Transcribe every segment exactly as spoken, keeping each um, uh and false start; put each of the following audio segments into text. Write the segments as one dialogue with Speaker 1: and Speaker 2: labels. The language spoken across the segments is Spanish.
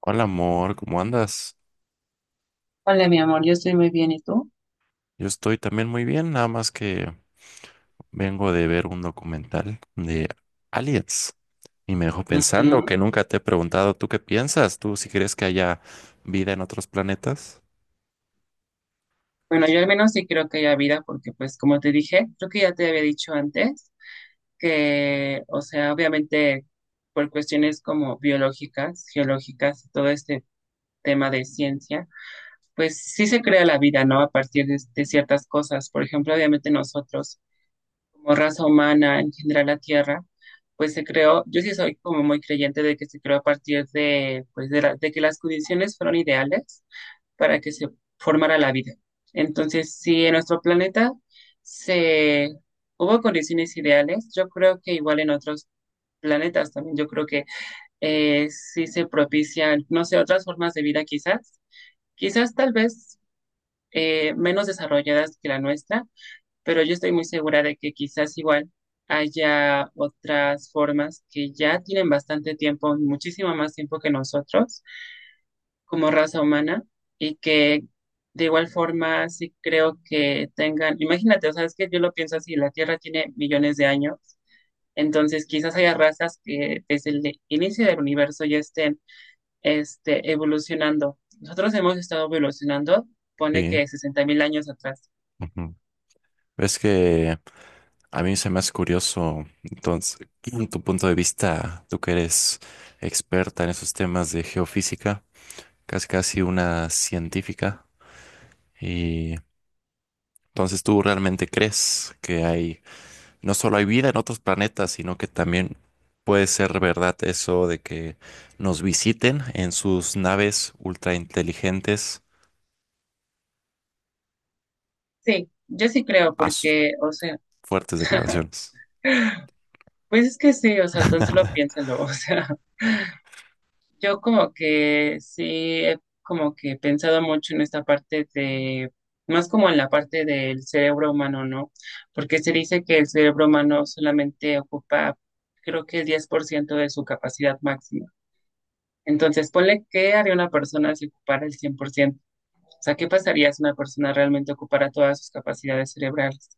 Speaker 1: Hola amor, ¿cómo andas?
Speaker 2: Hola, mi amor, yo estoy muy bien, ¿y tú?
Speaker 1: Yo estoy también muy bien, nada más que vengo de ver un documental de Aliens y me dejó pensando
Speaker 2: Ujú.
Speaker 1: que nunca te he preguntado, ¿tú qué piensas? ¿Tú si crees que haya vida en otros planetas?
Speaker 2: Bueno, yo al menos sí creo que hay vida, porque pues como te dije, creo que ya te había dicho antes, que, o sea, obviamente por cuestiones como biológicas, geológicas, todo este tema de ciencia, pues sí se crea la vida, ¿no? A partir de, de ciertas cosas. Por ejemplo, obviamente nosotros, como raza humana, en general la Tierra, pues se creó, yo sí soy como muy creyente de que se creó a partir de, pues de, la- de que las condiciones fueron ideales para que se formara la vida. Entonces, si en nuestro planeta se hubo condiciones ideales, yo creo que igual en otros planetas también, yo creo que eh, sí se propician, no sé, otras formas de vida quizás, quizás tal vez eh, menos desarrolladas que la nuestra, pero yo estoy muy segura de que quizás igual haya otras formas que ya tienen bastante tiempo, muchísimo más tiempo que nosotros, como raza humana y que de igual forma sí creo que tengan, imagínate, o sea, es que yo lo pienso así, la Tierra tiene millones de años, entonces quizás haya razas que desde el inicio del universo ya estén este, evolucionando. Nosotros hemos estado evolucionando, pone
Speaker 1: Sí,
Speaker 2: que sesenta mil años atrás.
Speaker 1: ujú. Es que a mí se me hace curioso, entonces, tu punto de vista, tú que eres experta en esos temas de geofísica, casi casi una científica, y entonces tú realmente crees que hay... No solo hay vida en otros planetas, sino que también puede ser verdad eso de que nos visiten en sus naves ultra inteligentes.
Speaker 2: Sí, yo sí creo
Speaker 1: As
Speaker 2: porque, o sea,
Speaker 1: fuertes declaraciones.
Speaker 2: pues es que sí, o sea, tan solo piénsalo, o sea, yo como que sí he como que pensado mucho en esta parte de, más como en la parte del cerebro humano, ¿no? Porque se dice que el cerebro humano solamente ocupa, creo que el diez por ciento de su capacidad máxima. Entonces, ponle, ¿qué haría una persona si ocupara el cien por ciento? O sea, ¿qué pasaría si una persona realmente ocupara todas sus capacidades cerebrales?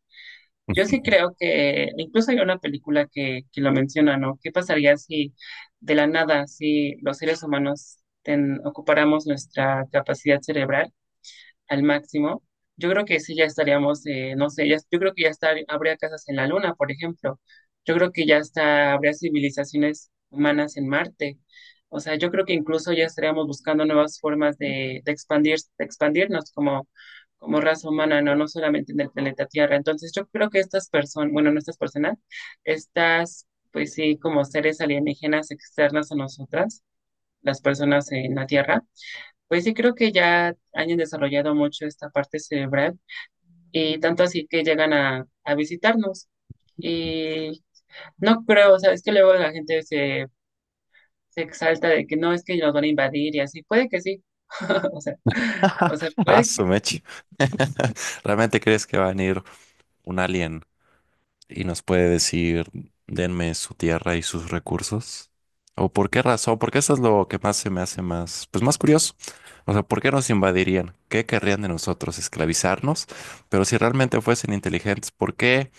Speaker 2: Yo sí creo que incluso hay una película que, que lo menciona, ¿no? ¿Qué pasaría si de la nada, si los seres humanos ten- ocupáramos nuestra capacidad cerebral al máximo? Yo creo que sí ya estaríamos, eh, no sé, ya- yo creo que ya estar, habría casas en la Luna, por ejemplo. Yo creo que ya está, habría civilizaciones humanas en Marte. O sea, yo creo que incluso ya estaríamos buscando nuevas formas de, de expandir, de expandirnos como, como raza humana, ¿no? No solamente en el planeta Tierra. Entonces, yo creo que estas personas, bueno, no estas personas, estas, pues sí, como seres alienígenas externas a nosotras, las personas en la Tierra pues sí, creo que ya han desarrollado mucho esta parte cerebral y tanto así que llegan a, a visitarnos. Y no creo, o sea, es que luego la gente se, se exalta de que no, es que nos van a invadir y así. Puede que sí. O sea, o sea,
Speaker 1: Ah,
Speaker 2: puede que...
Speaker 1: su mecha. ¿Realmente crees que va a venir un alien y nos puede decir, denme su tierra y sus recursos? ¿O por qué razón? Porque eso es lo que más se me hace más, pues más curioso. O sea, ¿por qué nos invadirían? ¿Qué querrían de nosotros? ¿Esclavizarnos? Pero si realmente fuesen inteligentes, ¿por qué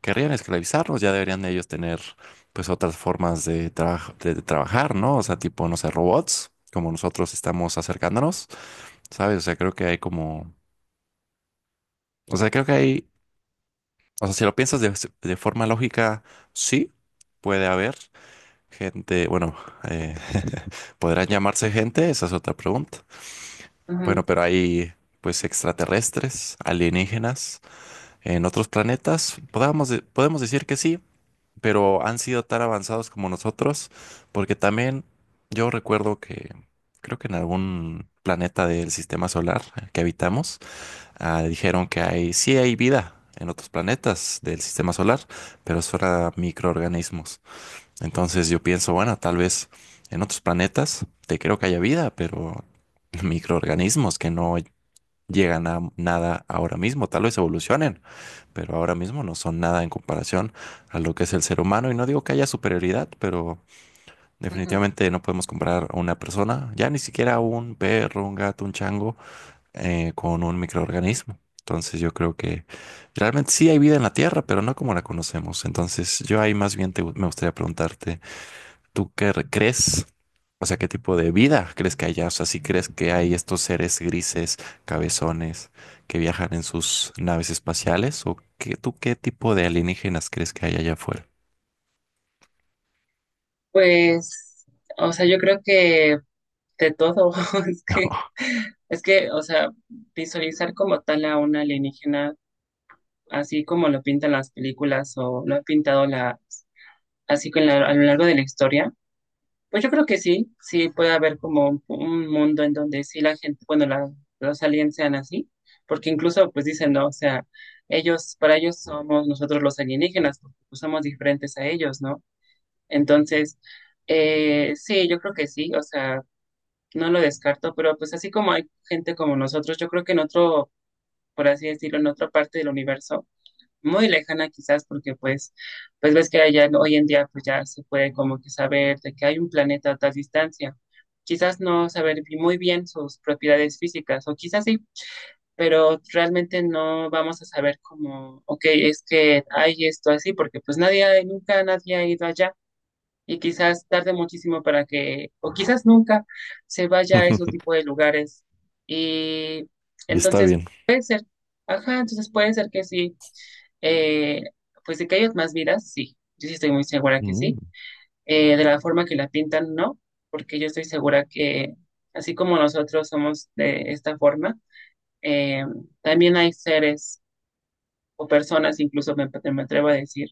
Speaker 1: querrían esclavizarnos? Ya deberían ellos tener pues otras formas de, traj- de de trabajar, ¿no? O sea, tipo, no sé, robots, como nosotros estamos acercándonos, ¿sabes? O sea, creo que hay como, o sea, creo que hay... O sea, si lo piensas de, de forma lógica, sí, puede haber gente, bueno, eh, ¿podrán llamarse gente? Esa es otra pregunta. Bueno,
Speaker 2: ujú,
Speaker 1: pero hay pues extraterrestres, alienígenas en otros planetas. Podamos de- podemos decir que sí, pero han sido tan avanzados como nosotros, porque también yo recuerdo que creo que en algún planeta del sistema solar que habitamos, ah, dijeron que hay, sí hay vida en otros planetas del sistema solar, pero eso era microorganismos. Entonces yo pienso, bueno, tal vez en otros planetas te creo que haya vida, pero microorganismos que no llegan a nada ahora mismo, tal vez evolucionen, pero ahora mismo no son nada en comparación a lo que es el ser humano. Y no digo que haya superioridad, pero
Speaker 2: ujú.
Speaker 1: definitivamente no podemos comparar a una persona, ya ni siquiera a un perro, un gato, un chango eh, con un microorganismo. Entonces yo creo que realmente sí hay vida en la Tierra, pero no como la conocemos. Entonces yo ahí más bien te gu- me gustaría preguntarte, ¿tú qué re- crees? O sea, ¿qué tipo de vida crees que haya? O sea, ¿si crees que hay estos seres grises, cabezones, que viajan en sus naves espaciales? ¿O qué, tú qué tipo de alienígenas crees que hay allá afuera?
Speaker 2: Pues, o sea, yo creo que de todo, es que,
Speaker 1: No.
Speaker 2: es que, o sea, visualizar como tal a una alienígena, así como lo pintan las películas o lo ha pintado la, así que en la- a lo largo de la historia, pues yo creo que sí, sí puede haber como un mundo en donde sí la gente, bueno, la- los aliens sean así, porque incluso pues dicen, no, o sea, ellos, para ellos somos nosotros los alienígenas, porque pues, somos diferentes a ellos, ¿no? Entonces, eh, sí, yo creo que sí, o sea, no lo descarto, pero pues así como hay gente como nosotros, yo creo que en otro, por así decirlo, en otra parte del universo, muy lejana quizás porque pues, pues ves que allá hoy en día pues ya se puede como que saber de que hay un planeta a tal distancia. Quizás no saber bi- muy bien sus propiedades físicas o quizás sí, pero realmente no vamos a saber como, ok, es que hay esto así porque pues nadie, ha- nunca nadie ha ido allá. Y quizás tarde muchísimo para que, o quizás nunca se vaya a esos tipos de lugares. Y
Speaker 1: Y está
Speaker 2: entonces,
Speaker 1: bien.
Speaker 2: ajá, entonces puede ser que sí, eh, pues de que hay más vidas, sí, yo sí estoy muy segura que
Speaker 1: Mm,
Speaker 2: sí. Eh, de la forma que la pintan, no, porque yo estoy segura que así como nosotros somos de esta forma, eh, también hay seres o personas, incluso me, me atrevo a decir,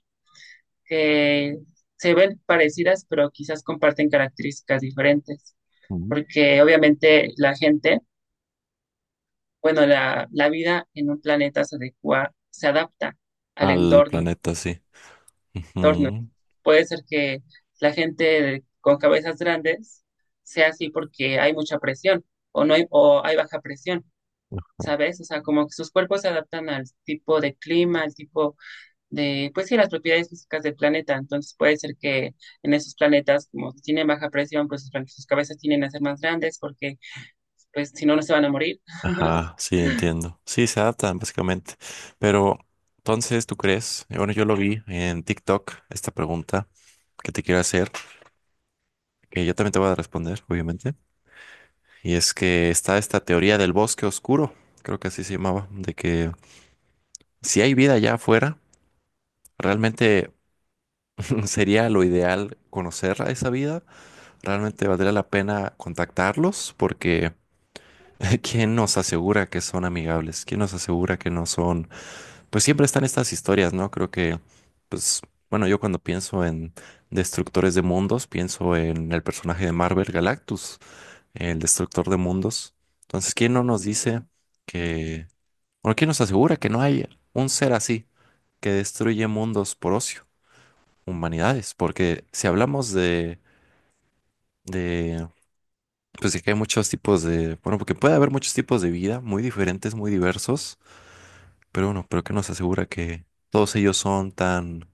Speaker 2: que se ven parecidas, pero quizás comparten características diferentes,
Speaker 1: mm.
Speaker 2: porque obviamente la gente, bueno, la, la vida en un planeta se adecua, se adapta al
Speaker 1: Al
Speaker 2: entorno.
Speaker 1: planeta, sí.
Speaker 2: Tornos.
Speaker 1: Ujú.
Speaker 2: Puede ser que la gente con cabezas grandes sea así porque hay mucha presión o no hay, o hay baja presión, ¿sabes? O sea, como que sus cuerpos se adaptan al tipo de clima, al tipo de, pues sí, las propiedades físicas del planeta. Entonces puede ser que en esos planetas, como tienen baja presión, pues sus, plan- sus cabezas tienen a ser más grandes porque, pues si no, no se van a morir.
Speaker 1: Ajá, sí, entiendo. Sí, se adaptan básicamente. Pero entonces, ¿tú crees? Eh, Bueno, yo lo vi en TikTok, esta pregunta que te quiero hacer, que yo también te voy a responder, obviamente. Y es que está esta teoría del bosque oscuro, creo que así se llamaba, de que si hay vida allá afuera, realmente sería lo ideal conocer a esa vida, realmente valdría la pena contactarlos porque ¿quién nos asegura que son amigables? ¿Quién nos asegura que no son... Pues siempre están estas historias, ¿no? Creo que, pues, bueno, yo cuando pienso en destructores de mundos, pienso en el personaje de Marvel Galactus, el destructor de mundos. Entonces, ¿quién no nos dice que, bueno, quién nos asegura que no hay un ser así que destruye mundos por ocio, humanidades? Porque si hablamos de, de, pues, de que hay muchos tipos de, bueno, porque puede haber muchos tipos de vida muy diferentes, muy diversos, pero bueno, pero ¿qué nos asegura que todos ellos son tan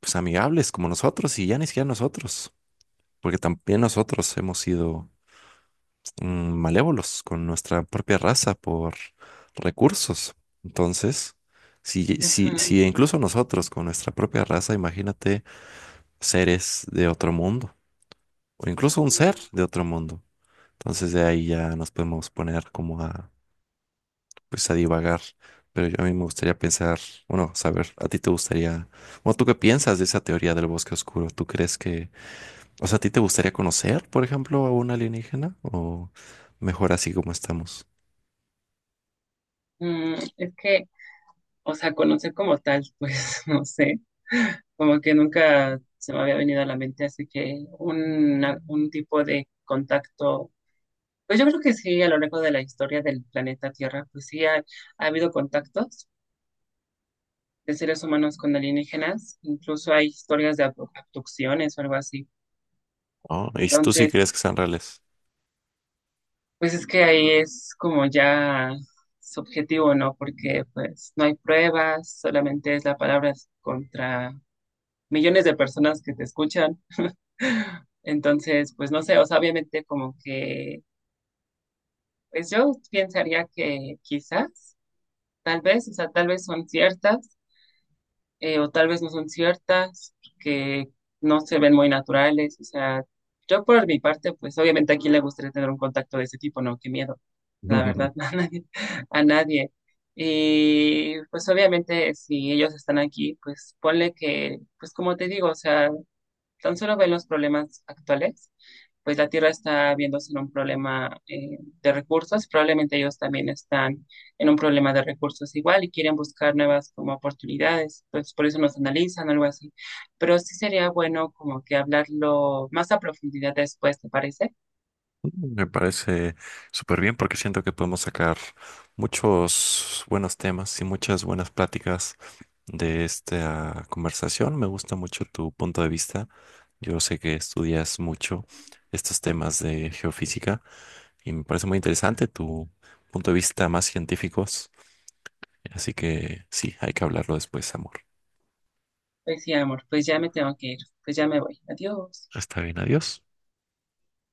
Speaker 1: pues amigables como nosotros? Y ya ni siquiera nosotros, porque también nosotros hemos sido mm, malévolos con nuestra propia raza por recursos. Entonces, si, si,
Speaker 2: Ujú.
Speaker 1: si incluso nosotros con nuestra propia raza, imagínate seres de otro mundo o incluso un ser de otro mundo. Entonces de ahí ya nos podemos poner como a, pues a divagar. Pero yo a mí me gustaría pensar, bueno, saber, a ti te gustaría, bueno, ¿tú qué piensas de esa teoría del bosque oscuro? ¿Tú crees que... O sea, ¿a ti te gustaría conocer, por ejemplo, a un alienígena? ¿O mejor así como estamos?
Speaker 2: Mm, es que o sea, conocer como tal, pues no sé, como que nunca se me había venido a la mente, así que una- un tipo de contacto, pues yo creo que sí, a lo largo de la historia del planeta Tierra, pues sí ha, ha habido contactos de seres humanos con alienígenas, incluso hay historias de abdu- abducciones o algo así.
Speaker 1: Oh, ¿y si tú sí
Speaker 2: Entonces,
Speaker 1: crees que sean reales?
Speaker 2: pues es que ahí es como ya subjetivo, ¿no? Porque pues no hay pruebas, solamente es la palabra contra millones de personas que te escuchan. Entonces, pues no sé, o sea, obviamente como que, pues yo pensaría que quizás, tal vez, o sea, tal vez son ciertas, eh, o tal vez no son ciertas, que no se ven muy naturales, o sea, yo por mi parte, pues obviamente aquí le gustaría tener un contacto de ese tipo, no, qué miedo, la verdad, a nadie, a nadie. Y pues obviamente si ellos están aquí, pues ponle que, pues como te digo, o sea, tan solo ven los problemas actuales, pues la Tierra está viéndose en un problema eh, de recursos, probablemente ellos también están en un problema de recursos igual y quieren buscar nuevas como oportunidades, pues por eso nos analizan, algo así. Pero sí sería bueno como que hablarlo más a profundidad después, ¿te parece?
Speaker 1: Me parece súper bien porque siento que podemos sacar muchos buenos temas y muchas buenas pláticas de esta conversación. Me gusta mucho tu punto de vista. Yo sé que estudias mucho estos temas de geofísica y me parece muy interesante tu punto de vista más científicos. Así que sí, hay que hablarlo después, amor.
Speaker 2: Pues sí, amor, pues ya me tengo que ir, pues ya me voy, adiós.
Speaker 1: Está bien, adiós.